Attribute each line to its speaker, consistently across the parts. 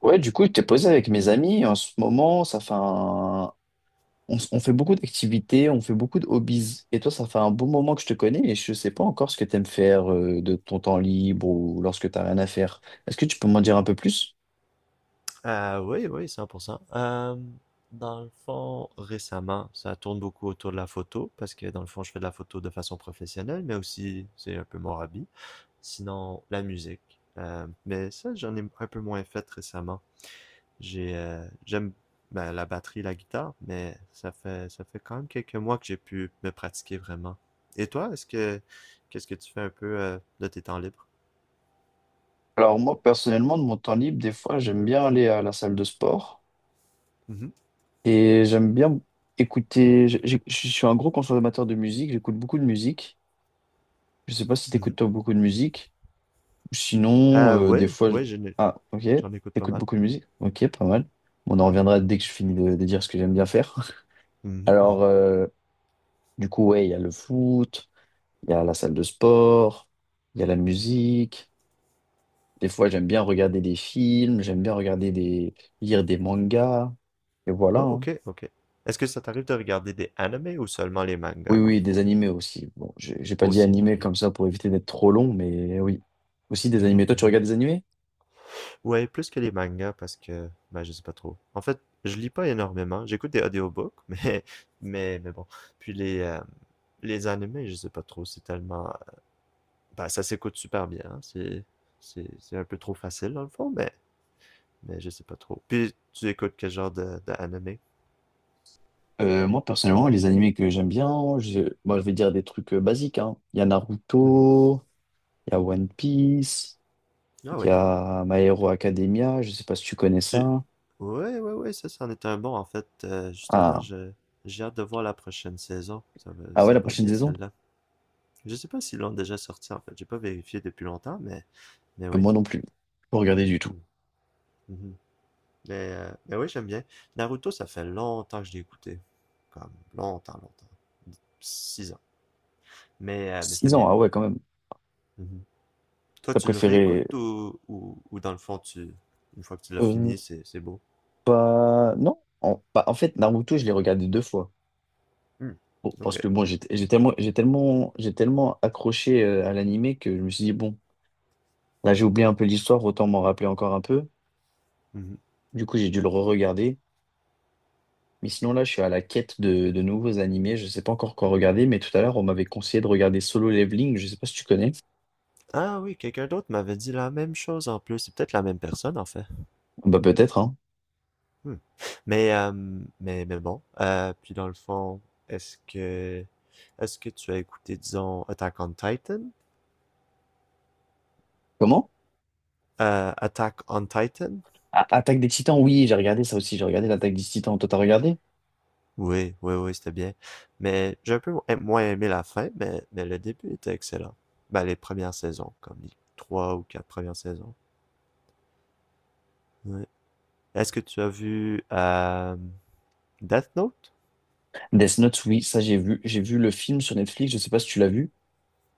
Speaker 1: Ouais, du coup, je t'ai posé avec mes amis. En ce moment, on fait beaucoup d'activités, on fait beaucoup de hobbies. Et toi, ça fait un bon moment que je te connais et je ne sais pas encore ce que tu aimes faire de ton temps libre ou lorsque tu n'as rien à faire. Est-ce que tu peux m'en dire un peu plus?
Speaker 2: Oui, oui, 100%. Dans le fond, récemment, ça tourne beaucoup autour de la photo, parce que dans le fond, je fais de la photo de façon professionnelle, mais aussi, c'est un peu mon hobby. Sinon, la musique. Mais ça, j'en ai un peu moins fait récemment. J'aime ben, la batterie, la guitare, mais ça fait quand même quelques mois que j'ai pu me pratiquer vraiment. Et toi, qu'est-ce que tu fais un peu de tes temps libres?
Speaker 1: Alors moi, personnellement, de mon temps libre, des fois, j'aime bien aller à la salle de sport
Speaker 2: Mhm,
Speaker 1: et j'aime bien écouter. Je suis un gros consommateur de musique, j'écoute beaucoup de musique. Je ne sais pas si
Speaker 2: mhm.
Speaker 1: t'écoutes toi beaucoup de musique. Sinon, des
Speaker 2: Oui,
Speaker 1: fois,
Speaker 2: oui,
Speaker 1: ah, ok,
Speaker 2: j'en écoute pas
Speaker 1: t'écoutes
Speaker 2: mal,
Speaker 1: beaucoup de musique, ok, pas mal. Bon, on en reviendra dès que je finis de dire ce que j'aime bien faire.
Speaker 2: oui.
Speaker 1: Alors, du coup, ouais, il y a le foot, il y a la salle de sport, il y a la musique. Des fois, j'aime bien regarder des films, j'aime bien regarder des, lire des mangas, et voilà,
Speaker 2: Oh,
Speaker 1: hein.
Speaker 2: ok, ok. Est-ce que ça t'arrive de regarder des animés ou seulement les mangas,
Speaker 1: Oui,
Speaker 2: dans le
Speaker 1: oui, des
Speaker 2: fond?
Speaker 1: animés aussi. Bon, j'ai pas dit
Speaker 2: Aussi,
Speaker 1: animés
Speaker 2: ouais.
Speaker 1: comme ça pour éviter d'être trop long, mais oui, aussi des animés. Toi, tu regardes des animés?
Speaker 2: Ouais, plus que les mangas parce que, ben, je sais pas trop. En fait, je lis pas énormément. J'écoute des audiobooks, mais bon. Puis les, euh, les animés, je sais pas trop. C'est tellement, ben, ça s'écoute super bien, hein. C'est un peu trop facile, dans le fond, mais je sais pas trop. Puis, tu écoutes quel genre de animé?
Speaker 1: Moi, personnellement, les animés que j'aime bien, je, moi, je vais dire des trucs basiques, hein. Il y a
Speaker 2: Mhm.
Speaker 1: Naruto, il y a One Piece,
Speaker 2: Ah
Speaker 1: il y
Speaker 2: oui.
Speaker 1: a My Hero Academia, je sais pas si tu connais
Speaker 2: Tu...
Speaker 1: ça.
Speaker 2: Ouais, ouais, ouais, ça, c'en est un bon, en fait. Justement,
Speaker 1: Ah,
Speaker 2: je... j'ai hâte de voir la prochaine saison.
Speaker 1: ah ouais,
Speaker 2: Ça
Speaker 1: la
Speaker 2: va
Speaker 1: prochaine
Speaker 2: bien,
Speaker 1: saison?
Speaker 2: celle-là. Je sais pas s'ils l'ont déjà sorti, en fait. J'ai pas vérifié depuis longtemps, mais oui.
Speaker 1: Moi non plus. Pas regardé du tout.
Speaker 2: Mm. Mhm. Mais oui, j'aime bien. Naruto, ça fait longtemps que je l'ai écouté. Comme longtemps, longtemps. 6 ans. Mais c'était
Speaker 1: 6 ans,
Speaker 2: bien.
Speaker 1: ah ouais, quand même.
Speaker 2: Mhm. Toi,
Speaker 1: T'as
Speaker 2: tu le
Speaker 1: préféré...
Speaker 2: réécoutes ou, ou dans le fond, tu, une fois que tu l'as
Speaker 1: Euh,
Speaker 2: fini, c'est beau?
Speaker 1: pas... Non. Bah, en fait, Naruto, je l'ai regardé deux fois.
Speaker 2: Mm.
Speaker 1: Bon,
Speaker 2: Ok.
Speaker 1: parce que bon, j'ai tellement accroché à l'animé que je me suis dit, bon, là, j'ai oublié un peu l'histoire, autant m'en rappeler encore un peu.
Speaker 2: Mhm.
Speaker 1: Du coup, j'ai dû le re-regarder. Mais sinon, là, je suis à la quête de nouveaux animés. Je sais pas encore quoi regarder, mais tout à l'heure, on m'avait conseillé de regarder Solo Leveling. Je sais pas si tu connais.
Speaker 2: Ah oui, quelqu'un d'autre m'avait dit la même chose en plus. C'est peut-être la même personne en fait.
Speaker 1: Bah, peut-être, hein.
Speaker 2: Hmm. Mais, mais bon. Puis dans le fond, est-ce que, est-ce que tu as écouté, disons, Attack on Titan?
Speaker 1: Comment?
Speaker 2: Attack on Titan?
Speaker 1: Attaque des Titans, oui, j'ai regardé ça aussi. J'ai regardé l'Attaque des Titans. Toi, t'as regardé?
Speaker 2: Oui, oui, oui, c'était bien. Mais j'ai un peu moins aimé la fin, mais le début était excellent. Ben, les premières saisons, comme les trois ou quatre premières saisons. Ouais. Est-ce que tu as vu Death Note?
Speaker 1: Death Note, oui, ça, j'ai vu. J'ai vu le film sur Netflix. Je sais pas si tu l'as vu.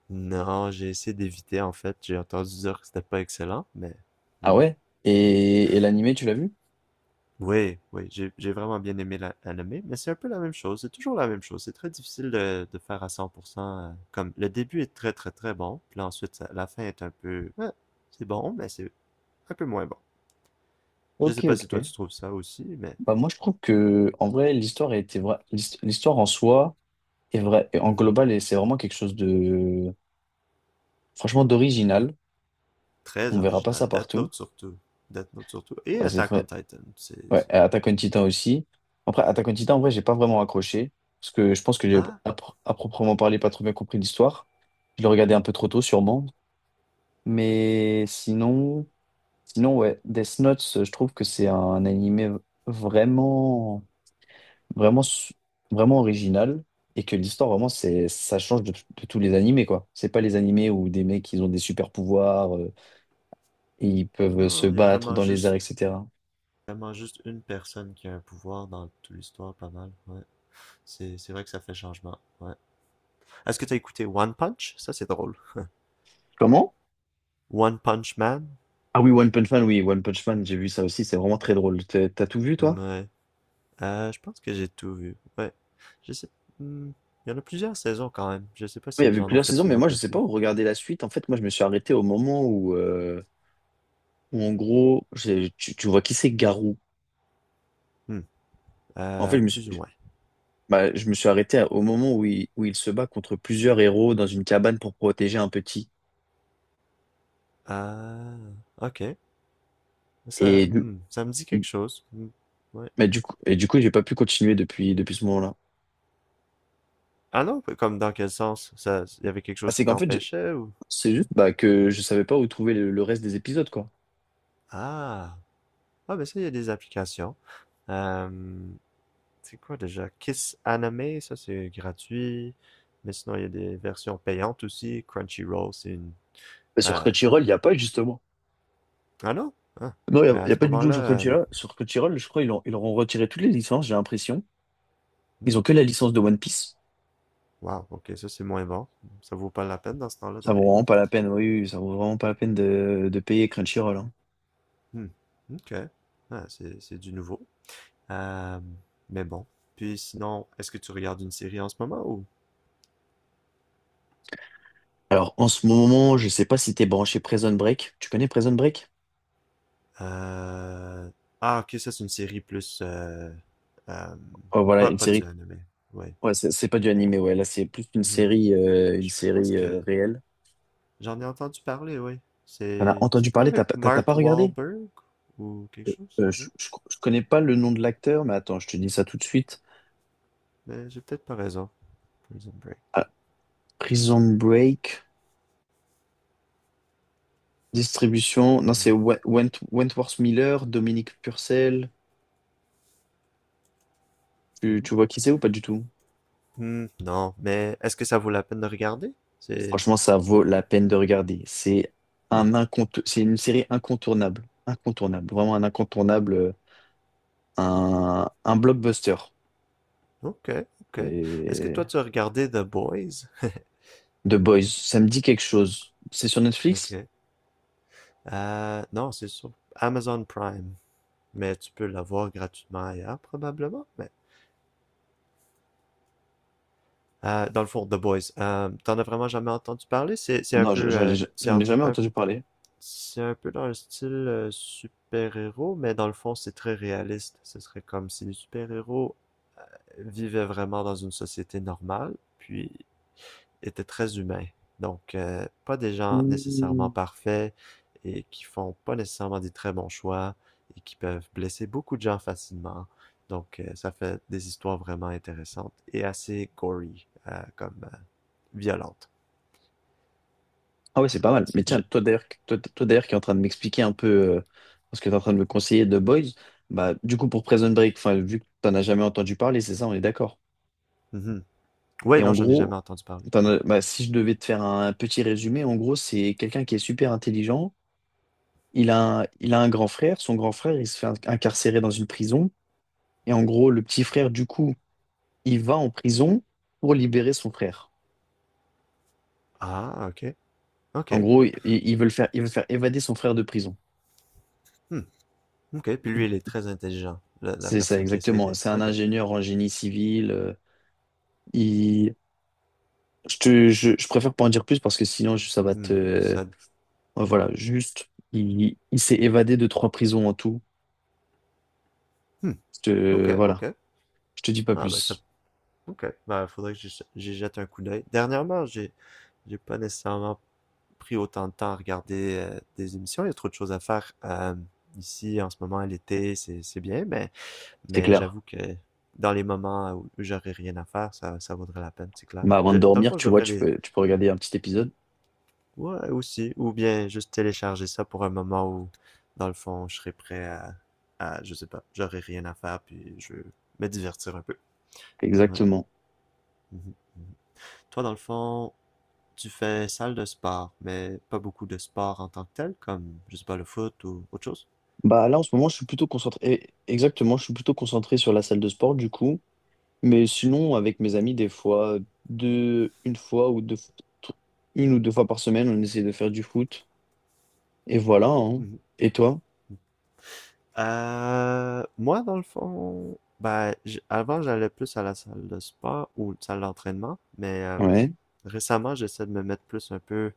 Speaker 2: Non, j'ai essayé d'éviter en fait. J'ai entendu dire que c'était pas excellent, mais
Speaker 1: Ah
Speaker 2: bon.
Speaker 1: ouais? Et l'animé, tu l'as vu?
Speaker 2: Oui, oui, j'ai vraiment bien aimé l'anime, mais c'est un peu la même chose. C'est toujours la même chose. C'est très difficile de faire à 100%, comme le début est très bon, puis là, ensuite la fin est un peu, ouais, c'est bon, mais c'est un peu moins bon. Je sais
Speaker 1: Ok,
Speaker 2: pas si toi
Speaker 1: ok.
Speaker 2: tu trouves ça aussi, mais
Speaker 1: Bah, moi, je trouve que, en vrai, l'histoire a été l'histoire en soi est vraie. Et en
Speaker 2: mhm.
Speaker 1: global, et c'est vraiment quelque chose de, franchement, d'original.
Speaker 2: Très
Speaker 1: On verra pas
Speaker 2: original.
Speaker 1: ça
Speaker 2: Death
Speaker 1: partout.
Speaker 2: Note surtout. Death Note surtout. Et
Speaker 1: Ouais, c'est
Speaker 2: Attack on
Speaker 1: vrai.
Speaker 2: Titan.
Speaker 1: Ouais,
Speaker 2: C'est...
Speaker 1: et Attack on Titan aussi. Après, Attack on Titan, en vrai, j'ai pas vraiment accroché. Parce que je pense que j'ai,
Speaker 2: Ah,
Speaker 1: à proprement parler, pas trop bien compris l'histoire. Je le regardais
Speaker 2: hmm.
Speaker 1: un peu trop tôt, sûrement. Mais sinon, ouais, Death Note, je trouve que c'est un animé vraiment, vraiment, su- vraiment original. Et que l'histoire, vraiment, ça change de tous les animés, quoi. C'est pas les animés où des mecs, ils ont des super pouvoirs, et ils peuvent se
Speaker 2: Non, il y a
Speaker 1: battre dans les airs, etc.
Speaker 2: vraiment juste une personne qui a un pouvoir dans toute l'histoire, pas mal. Ouais. C'est vrai que ça fait changement. Ouais. Est-ce que t'as écouté One Punch? Ça, c'est drôle.
Speaker 1: Comment?
Speaker 2: One Punch Man?
Speaker 1: Ah oui, One Punch Man, oui, One Punch Man, j'ai vu ça aussi, c'est vraiment très drôle. T'as tout vu, toi?
Speaker 2: Ouais. Je pense que j'ai tout vu. Ouais. Je sais. Hmm, il y en a plusieurs saisons quand même. Je sais pas
Speaker 1: Oui, il y
Speaker 2: s'ils
Speaker 1: avait
Speaker 2: en ont
Speaker 1: plusieurs saisons,
Speaker 2: fait une
Speaker 1: mais moi,
Speaker 2: autre
Speaker 1: je sais pas
Speaker 2: depuis.
Speaker 1: où regarder la suite. En fait, moi, je me suis arrêté au moment où en gros, tu vois qui c'est Garou.
Speaker 2: Hmm.
Speaker 1: En fait, je me
Speaker 2: Plus ou
Speaker 1: suis,
Speaker 2: moins.
Speaker 1: bah, je me suis arrêté au moment où il se bat contre plusieurs héros dans une cabane pour protéger un petit.
Speaker 2: Euh, ok. Ça,
Speaker 1: Et du,
Speaker 2: hmm, ça me dit quelque chose. Hmm. Ouais.
Speaker 1: et du coup, j'ai pas pu continuer depuis ce moment-là.
Speaker 2: Ah non, comme dans quel sens? Ça, il y avait quelque
Speaker 1: Bah,
Speaker 2: chose qui
Speaker 1: c'est qu'en fait,
Speaker 2: t'empêchait ou?
Speaker 1: c'est
Speaker 2: Hmm.
Speaker 1: juste bah, que je savais pas où trouver le reste des épisodes, quoi.
Speaker 2: Ah, ah, ben ça, il y a des applications. Euh, c'est quoi déjà? Kiss Anime, ça c'est gratuit. Mais sinon, il y a des versions payantes aussi. Crunchyroll, c'est une...
Speaker 1: Bah, sur
Speaker 2: euh,
Speaker 1: Crunchyroll, il n'y a pas, justement.
Speaker 2: ah non? Ah.
Speaker 1: Non,
Speaker 2: Mais à
Speaker 1: y a
Speaker 2: ce
Speaker 1: pas du tout sur
Speaker 2: moment-là...
Speaker 1: Crunchyroll. Sur Crunchyroll, je crois qu'ils ont- ils leur ont retiré toutes les licences, j'ai l'impression. Ils
Speaker 2: hmm,
Speaker 1: ont que la licence de One Piece.
Speaker 2: wow, ok, ça c'est moins bon. Ça vaut pas la peine dans ce temps-là de
Speaker 1: Ça vaut
Speaker 2: payer.
Speaker 1: vraiment pas la peine, oui, oui, ça vaut vraiment pas la peine de payer Crunchyroll, hein.
Speaker 2: Hmm, ok. Ah, c'est du nouveau. Euh, Mais bon. Puis sinon, est-ce que tu regardes une série en ce moment ou...
Speaker 1: Alors, en ce moment, je sais pas si t'es branché Prison Break. Tu connais Prison Break?
Speaker 2: Euh, Ah, ok, ça c'est une série plus... euh,
Speaker 1: Oh, voilà,
Speaker 2: pas,
Speaker 1: une
Speaker 2: pas du
Speaker 1: série.
Speaker 2: anime, ouais.
Speaker 1: Ouais, c'est pas du animé, ouais. Là, c'est plus une
Speaker 2: Mhm.
Speaker 1: série, euh, une
Speaker 2: Je pense
Speaker 1: série
Speaker 2: que
Speaker 1: réelle.
Speaker 2: j'en ai entendu parler, ouais.
Speaker 1: T'en as
Speaker 2: C'est
Speaker 1: entendu
Speaker 2: pas
Speaker 1: parler, t'as
Speaker 2: avec
Speaker 1: pas t'as- t'as pas
Speaker 2: Mark
Speaker 1: regardé?
Speaker 2: Wahlberg ou quelque chose,
Speaker 1: Euh, je,
Speaker 2: non?
Speaker 1: je, je connais pas le nom de l'acteur, mais attends, je te dis ça tout de suite.
Speaker 2: Mais j'ai peut-être pas raison. Prison Break.
Speaker 1: Ah, Prison Break. Distribution, non,
Speaker 2: Hmm.
Speaker 1: c'est Wentworth Miller, Dominique Purcell. Tu,
Speaker 2: Mhm.
Speaker 1: tu vois qui c'est ou pas du tout?
Speaker 2: Hmm, non, mais est-ce que ça vaut la peine de regarder? C'est...
Speaker 1: Franchement, ça vaut la peine de regarder. C'est
Speaker 2: Hmm,
Speaker 1: un incontour- c'est une série incontournable. Incontournable. Vraiment un incontournable. Un blockbuster.
Speaker 2: ok, ok. Est-ce que
Speaker 1: Et...
Speaker 2: toi tu as regardé The Boys?
Speaker 1: The Boys. Ça me dit quelque chose. C'est sur
Speaker 2: Ok.
Speaker 1: Netflix?
Speaker 2: Non, c'est sur Amazon Prime, mais tu peux l'avoir gratuitement ailleurs, probablement. Mais, dans le fond, The Boys, t'en as vraiment jamais entendu parler? C'est un
Speaker 1: Non,
Speaker 2: peu, c'est
Speaker 1: j'en ai jamais entendu parler.
Speaker 2: c'est un peu dans le style super-héros, mais dans le fond, c'est très réaliste. Ce serait comme si les super-héros vivaient vraiment dans une société normale, puis étaient très humains. Donc, pas des gens nécessairement
Speaker 1: Hmm.
Speaker 2: parfaits et qui font pas nécessairement des très bons choix et qui peuvent blesser beaucoup de gens facilement. Donc, ça fait des histoires vraiment intéressantes et assez gory, comme violentes.
Speaker 1: Ah ouais, c'est pas mal. Mais
Speaker 2: Si je...
Speaker 1: tiens, toi d'ailleurs qui est en train de m'expliquer un peu euh, ce que tu es en train de me conseiller de Boys, bah du coup pour Prison Break, enfin vu que t'en as jamais entendu parler, c'est ça, on est d'accord.
Speaker 2: Mhm. Ouais,
Speaker 1: Et
Speaker 2: non,
Speaker 1: en
Speaker 2: j'en ai
Speaker 1: gros,
Speaker 2: jamais entendu parler.
Speaker 1: bah, si je devais te faire un petit résumé, en gros, c'est quelqu'un qui est super intelligent. Il a un grand frère. Son grand frère, il se fait incarcérer dans une prison. Et en gros, le petit frère, du coup, il va en prison pour libérer son frère.
Speaker 2: Ah, ok, ok.
Speaker 1: En gros, ils veulent faire évader son frère de prison.
Speaker 2: Hmm, ok. Puis lui, il est très intelligent, la
Speaker 1: C'est ça,
Speaker 2: personne qui essaie
Speaker 1: exactement.
Speaker 2: d'aider.
Speaker 1: C'est un
Speaker 2: Ok,
Speaker 1: ingénieur en génie civil. Il... je préfère pas en dire plus parce que sinon, je- ça va te.
Speaker 2: hmm, ça,
Speaker 1: Voilà, juste, il s'est évadé de trois prisons en tout.
Speaker 2: hmm,
Speaker 1: Je
Speaker 2: ok,
Speaker 1: te,
Speaker 2: ok.
Speaker 1: voilà, je te dis pas
Speaker 2: Ah, ben, ça
Speaker 1: plus.
Speaker 2: ok, ben, faudrait que j'y jette un coup d'œil. Dernièrement, j'ai pas nécessairement pris autant de temps à regarder des émissions. Il y a trop de choses à faire ici en ce moment, à l'été, c'est bien,
Speaker 1: C'est
Speaker 2: mais
Speaker 1: clair.
Speaker 2: j'avoue que dans les moments où j'aurais rien à faire, ça vaudrait la peine, c'est clair.
Speaker 1: Bah, avant
Speaker 2: Je-
Speaker 1: de
Speaker 2: dans le
Speaker 1: dormir,
Speaker 2: fond, je
Speaker 1: tu vois,
Speaker 2: devrais
Speaker 1: tu
Speaker 2: les...
Speaker 1: peux, tu peux regarder un petit épisode.
Speaker 2: Ouais, aussi, ou bien juste télécharger ça pour un moment où, dans le fond, je serais prêt à je sais pas, j'aurais rien à faire, puis je veux me divertir un peu. Ouais.
Speaker 1: Exactement.
Speaker 2: Mhm, mhm. Toi, dans le fond, tu fais salle de sport, mais pas beaucoup de sport en tant que tel, comme, je sais pas, le foot ou autre chose.
Speaker 1: Bah là, en ce moment, je suis plutôt concentré. Exactement, je suis plutôt concentré sur la salle de sport, du coup. Mais sinon, avec mes amis, des fois, deux, une fois ou deux, une ou deux fois par semaine, on essaie de faire du foot. Et voilà, hein.
Speaker 2: Mhm.
Speaker 1: Et toi?
Speaker 2: Moi, dans le fond, ben, j- avant, j'allais plus à la salle de sport ou salle d'entraînement, mais
Speaker 1: Ouais.
Speaker 2: récemment, j'essaie de me mettre plus un peu,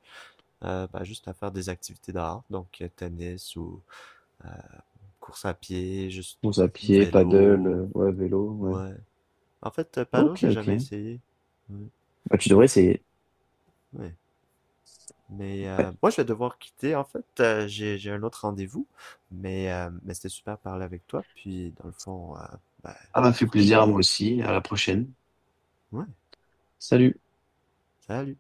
Speaker 2: ben, juste à faire des activités dehors, donc tennis ou euh, course à pied, juste
Speaker 1: Course à pied, paddle,
Speaker 2: vélo,
Speaker 1: ouais, vélo, ouais.
Speaker 2: ouais. En fait, paddle,
Speaker 1: Ok,
Speaker 2: j'ai
Speaker 1: ok.
Speaker 2: jamais essayé. Ouais,
Speaker 1: Bah, tu devrais essayer.
Speaker 2: ouais. Mais
Speaker 1: Ouais.
Speaker 2: moi, je vais devoir quitter, en fait. J'ai un autre rendez-vous. Mais c'était super de parler avec toi. Puis, dans le fond, ben,
Speaker 1: Ah,
Speaker 2: à
Speaker 1: m'a
Speaker 2: la
Speaker 1: fait plaisir à
Speaker 2: prochaine.
Speaker 1: moi aussi. À la prochaine.
Speaker 2: Ouais,
Speaker 1: Salut.
Speaker 2: salut.